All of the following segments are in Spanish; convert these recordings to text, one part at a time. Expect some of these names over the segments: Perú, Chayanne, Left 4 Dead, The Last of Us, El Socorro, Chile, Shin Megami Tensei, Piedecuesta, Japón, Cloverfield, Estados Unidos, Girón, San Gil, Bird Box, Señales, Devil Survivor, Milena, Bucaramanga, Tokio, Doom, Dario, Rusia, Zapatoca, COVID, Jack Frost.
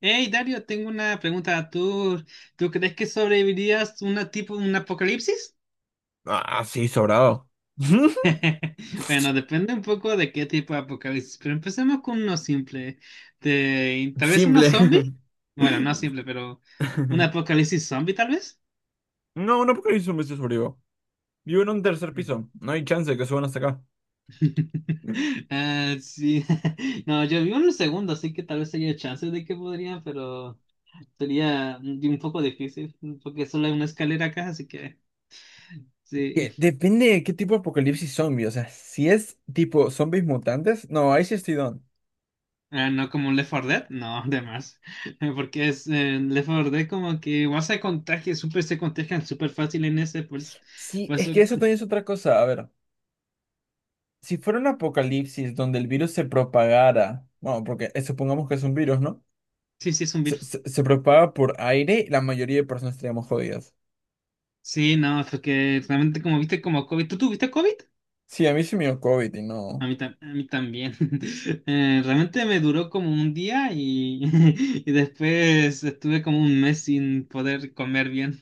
Hey Dario, tengo una pregunta. ¿Tú crees que sobrevivirías una tipo un apocalipsis? Ah, sí, sobrado. Bueno, depende un poco de qué tipo de apocalipsis, pero empecemos con uno simple. Tal vez uno zombie. Simple. Bueno, no simple, pero un apocalipsis zombie tal vez. No, no porque hizo un vestido sobrevivo. Vivo en un tercer piso. No hay chance de que suban hasta acá. Ah, sí. No, yo vi uno segundo, así que tal vez haya chances de que podrían, pero sería un poco difícil, porque solo hay una escalera acá, así que Que sí. depende de qué tipo de apocalipsis zombie. O sea, si es tipo zombies mutantes, no, ahí sí estoy don. Ah, no como un Left 4 Dead, no, de más. Porque es Left 4 Dead como que igual se contagia, súper se contagian súper fácil en ese, pues, Sí, por eso es que eso también es otra cosa. A ver, si fuera un apocalipsis donde el virus se propagara, bueno, porque supongamos que es un virus, ¿no? sí, sí es un Se, virus. se, se propaga por aire, la mayoría de personas estaríamos jodidas. Sí, no, porque realmente como viste como COVID, ¿tú tuviste COVID? Sí, a mí sí me dio COVID y A no. mí, a mí también. Realmente me duró como un día y, y después estuve como un mes sin poder comer bien.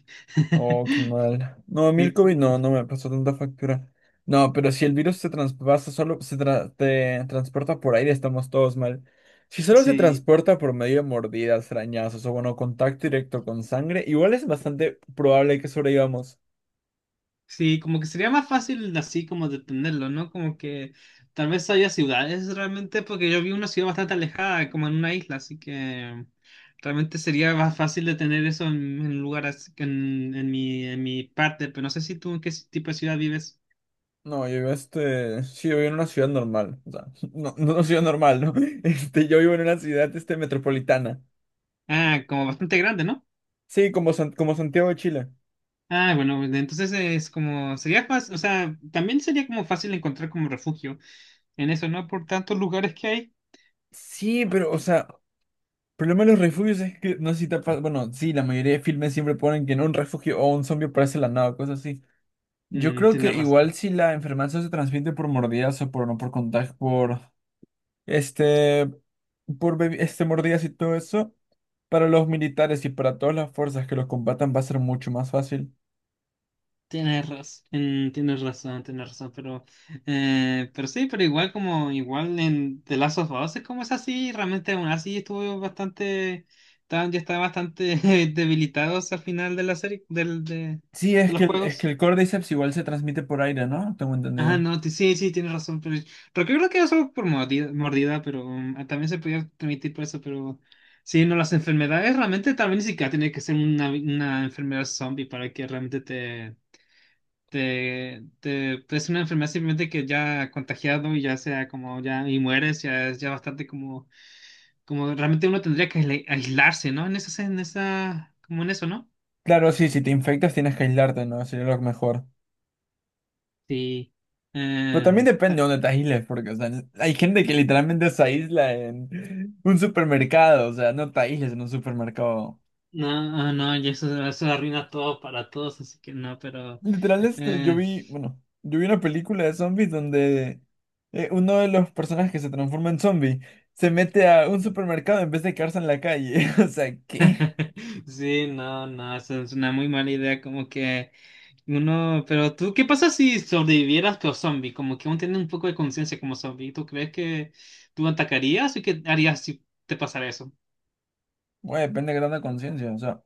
Oh, qué mal. No, a mí el Y- COVID no, no me pasó tanta factura. No, pero si el virus se traspasa solo, te transporta por aire, estamos todos mal. Si solo se Sí, transporta por medio de mordidas, arañazos o bueno, contacto directo con sangre, igual es bastante probable que sobrevivamos. sí, como que sería más fácil así como detenerlo, ¿no? Como que tal vez haya ciudades realmente, porque yo vi una ciudad bastante alejada, como en una isla, así que realmente sería más fácil detener eso en lugares, que en, en mi parte, pero no sé si tú en qué tipo de ciudad vives. No, yo vivo sí, yo vivo en una ciudad normal, o sea, no, no una ciudad normal, ¿no? Este, yo vivo en una ciudad metropolitana. Ah, como bastante grande, ¿no? Sí, como Santiago de Chile. Ah, bueno, bueno, entonces es como, sería fácil, o sea, también sería como fácil encontrar como refugio en eso, ¿no? Por tantos lugares que hay. Sí, pero, o sea, problema de los refugios es que no sé si te ha. Bueno, sí, la mayoría de filmes siempre ponen que en un refugio o un zombie aparece de la nada, cosas así. Yo Mm, creo que tienes igual razón. si la enfermedad se transmite por mordidas o por no por contagio, este, por mordidas y todo eso, para los militares y para todas las fuerzas que los combatan va a ser mucho más fácil. Tienes razón, tienes razón, tienes razón, pero sí, pero igual como igual en The Last of Us es como es así, realmente aún así estuvo bastante, yo estaba bastante debilitado al final de la serie, del, Sí, de es los que el, es que juegos. el Cordyceps igual se transmite por aire, ¿no? Tengo Ah, entendido. no, sí, sí, tienes razón, pero yo creo que eso por mordida, mordida, pero ah, también se podía permitir por eso, pero sí, no, las enfermedades realmente también ni siquiera tiene que ser una enfermedad zombie para que realmente te pues, es una enfermedad simplemente que ya ha contagiado y ya sea como ya y mueres, ya es ya bastante como, como realmente uno tendría que aislarse, ¿no? En esa, como en eso, ¿no? Claro, sí, si te infectas tienes que aislarte, ¿no? Sería lo mejor. Sí. Pero también Em, depende ta- de dónde te aísles, porque, o sea, hay gente que literalmente se aísla en un supermercado, o sea, no te aísles en un supermercado. no, ah, no, y eso arruina todo para todos, así que no, pero Literal, yo eh, vi, bueno, yo vi una película de zombies donde uno de los personajes que se transforma en zombie se mete a un supermercado en vez de quedarse en la calle. O sea, ¿qué? sí, no, no, eso es una muy mala idea, como que uno, pero tú, ¿qué pasa si sobrevivieras pero zombie? Como que uno tiene un poco de conciencia como zombie. ¿Tú crees que tú atacarías o qué harías si te pasara eso? Bueno, depende de qué tanta conciencia, o sea,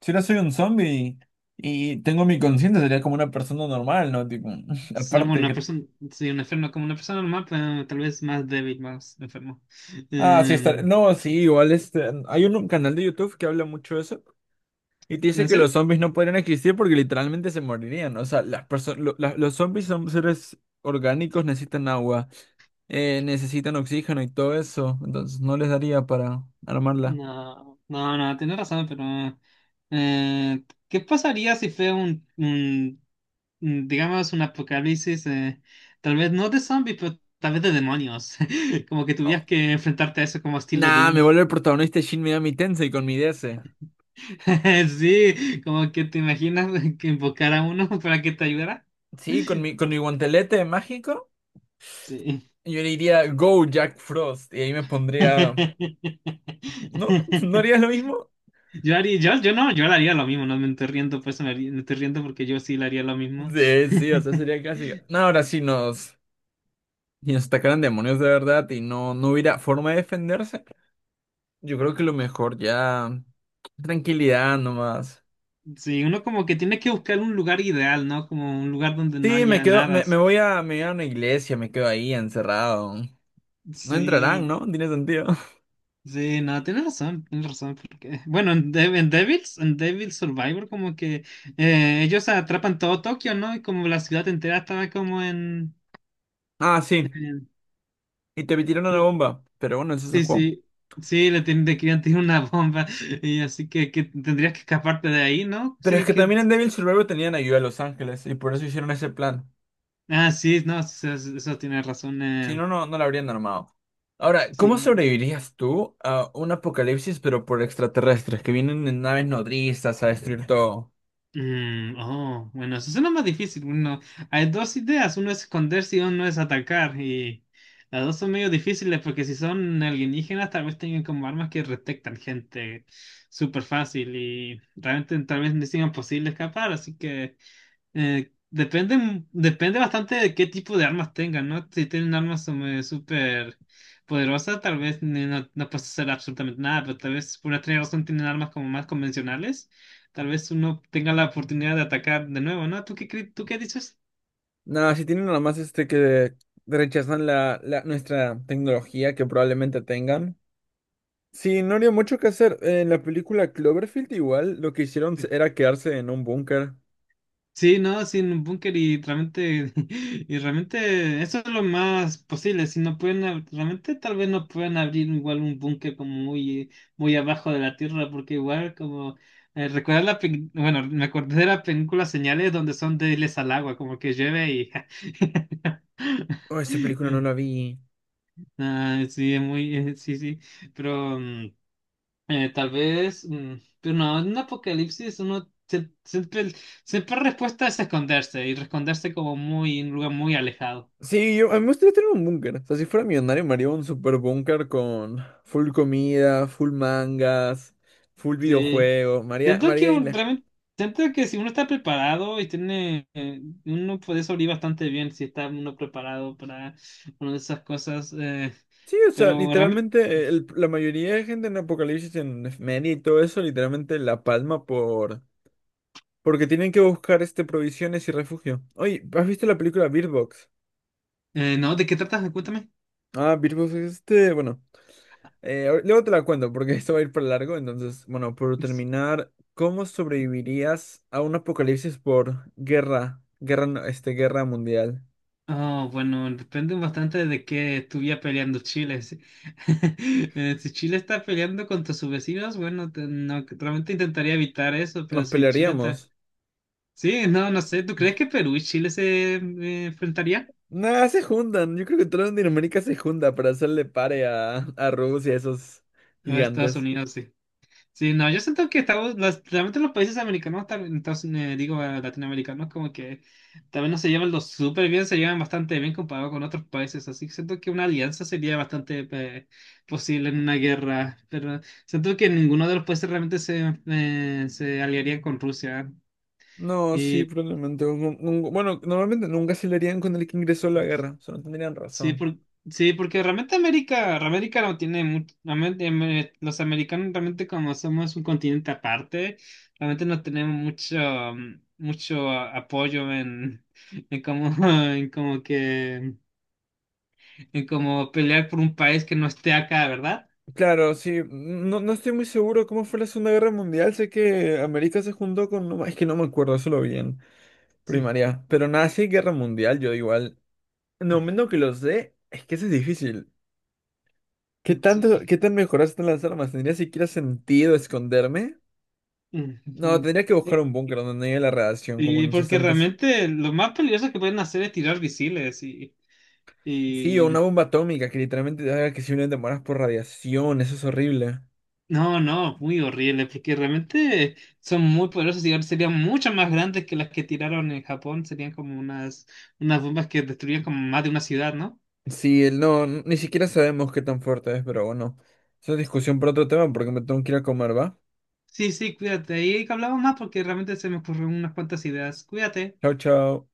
si ahora soy un zombie y tengo mi conciencia, sería como una persona normal, ¿no? Tipo, Ser una aparte. persona, sí, un enfermo como una persona normal, pero tal vez más débil, más enfermo. Ah, sí, está. Em, No, sí, igual hay un canal de YouTube que habla mucho de eso y te dice ¿En que serio? los zombies no podrían existir porque literalmente se morirían. O sea, las perso- lo- la- los zombies son seres orgánicos, necesitan agua, necesitan oxígeno y todo eso. Entonces no les daría para armarla. No, no, no, tienes razón, pero ¿qué pasaría si fue un digamos, un apocalipsis, tal vez no de zombie, pero tal vez de demonios. Como que tuvieras Oh. que enfrentarte a eso como estilo Nah, Doom. me vuelve el protagonista de Shin Megami Tensei con mi DS. Sí, como que te imaginas que invocar a uno para que te ayudara. Sí, con mi guantelete mágico, Sí. yo le diría Go Jack Frost y ahí me pondría. ¿No? ¿No harías lo mismo? Yo haría, yo no, yo le haría lo mismo, no me estoy riendo, pues me, me estoy riendo porque yo sí le haría lo mismo. Sí, sí, o sea, sería casi. No, ahora sí nos, y nos atacaran demonios de verdad y no, no hubiera forma de defenderse. Yo creo que lo mejor ya. Tranquilidad nomás. Sí, uno como que tiene que buscar un lugar ideal, ¿no? Como un lugar donde no Sí, me haya quedo, nada. me voy a una iglesia, me quedo ahí encerrado. No entrarán, Sí, ¿no? Tiene sentido. sí, no, tienes razón, porque, bueno, en, en Devils, en Devil Survivor, como que ellos atrapan todo Tokio, ¿no? Y como la ciudad entera estaba como en, Ah, sí. en- Y te tiraron una no, bomba. Pero bueno, ese es el sí, juego. sí, sí, le, le querían tirar una bomba, y así que tendrías que escaparte de ahí, ¿no? Pero es Sí, que que, también en Devil Survivor tenían ayuda a Los Ángeles y por eso hicieron ese plan. ah, sí, no, sí, sí, eso tienes razón, Si no, no, no la habrían armado. Ahora, ¿cómo sí, sobrevivirías tú a un apocalipsis, pero por extraterrestres que vienen en naves nodrizas a destruir todo? mm, oh, bueno, eso suena más difícil. Uno, hay dos ideas, uno es esconderse y uno es atacar. Y las dos son medio difíciles porque si son alienígenas tal vez tengan como armas que detectan gente súper fácil y realmente tal vez no sea posible escapar. Así que depende, depende bastante de qué tipo de armas tengan, ¿no? Si tienen armas súper poderosas, tal vez no, no puedes hacer absolutamente nada, pero tal vez por otra razón tienen armas como más convencionales. Tal vez uno tenga la oportunidad de atacar de nuevo, ¿no? ¿Tú qué, tú qué dices? Nada, si tienen nada más que rechazan nuestra tecnología que probablemente tengan. Sí, no habría mucho que hacer. En la película Cloverfield igual lo que hicieron era quedarse en un búnker. Sí, no, sin un búnker y realmente, y realmente eso es lo más posible. Si no pueden, realmente tal vez no puedan abrir igual un búnker como muy, muy abajo de la tierra, porque igual como recordar la, bueno, me acordé de la película Señales donde son débiles al agua, como que llueve y Oh, esa película no la vi. ah, sí, es muy, sí, sí, pero tal vez, pero no, en un apocalipsis uno siempre, siempre respuesta es esconderse y esconderse como muy en un lugar muy alejado. Sí, yo, a mí me gustaría tener un búnker. O sea, si fuera millonario, me haría un super búnker con full comida, full mangas, full Sí. videojuegos. María, Siento que María Isla. realmente, siento que si uno está preparado y tiene, uno puede sobrevivir bastante bien si está uno preparado para una de esas cosas. Sí, o sea, Pero realmente, literalmente la mayoría de gente en Apocalipsis, en Efeméride y todo eso, literalmente la palma por. Porque tienen que buscar provisiones y refugio. Oye, ¿has visto la película Bird Box? No, ¿de qué tratas? Cuéntame. Ah, Bird Box es bueno. Luego te la cuento porque esto va a ir para largo. Entonces, bueno, por terminar, ¿cómo sobrevivirías a un apocalipsis por guerra, guerra mundial? Oh, bueno, depende bastante de qué estuviera peleando Chile. Si, eh, si Chile está peleando contra sus vecinos, bueno, no, realmente intentaría evitar eso, pero Nos si Chile está... pelearíamos. Sí, no, no sé, ¿tú crees que Perú y Chile se enfrentarían? Nada, se juntan. Yo creo que toda Latinoamérica se junta para hacerle pare a, Rusia, a esos O Estados gigantes. Unidos, sí. Sí, no, yo siento que estamos, realmente los países americanos, entonces, digo latinoamericanos, como que también no se llevan lo súper bien, se llevan bastante bien comparado con otros países, así que siento que una alianza sería bastante posible en una guerra, pero siento que ninguno de los países realmente se, se aliaría con Rusia. No, sí, probablemente. Bueno, normalmente nunca se le harían con el que ingresó a la guerra. O sea, no tendrían Sí, razón. Sí, porque realmente América, América no tiene mucho, realmente, los americanos realmente como somos un continente aparte, realmente no tenemos mucho, mucho apoyo en como, en como que, en como pelear por un país que no esté acá, ¿verdad? Claro, sí, no, no estoy muy seguro cómo fue la Segunda Guerra Mundial, sé que América se juntó con, no, es que no me acuerdo, eso lo vi en Sí. primaria, pero nada, si hay Guerra Mundial, yo igual, en el momento que lo sé, es que eso es difícil. ¿Qué tanto, Sí. qué tan mejoradas están las armas? ¿Tendría siquiera sentido esconderme? No, Ujú. tendría que buscar un búnker donde no haya la radiación, como Sí, en los porque 60. realmente lo más peligroso que pueden hacer es tirar misiles y, Sí, o una bomba atómica que literalmente te haga que simplemente mueras por radiación, eso es horrible. no, no, muy horrible, porque realmente son muy poderosos y ahora serían mucho más grandes que las que tiraron en Japón, serían como unas, unas bombas que destruían como más de una ciudad, ¿no? Sí, el no, ni siquiera sabemos qué tan fuerte es, pero bueno, esa es Sí, discusión para otro tema porque me tengo que ir a comer, ¿va? sí, sí, cuídate, ahí hablamos más porque realmente se me ocurrieron unas cuantas ideas, cuídate. Chao, chao.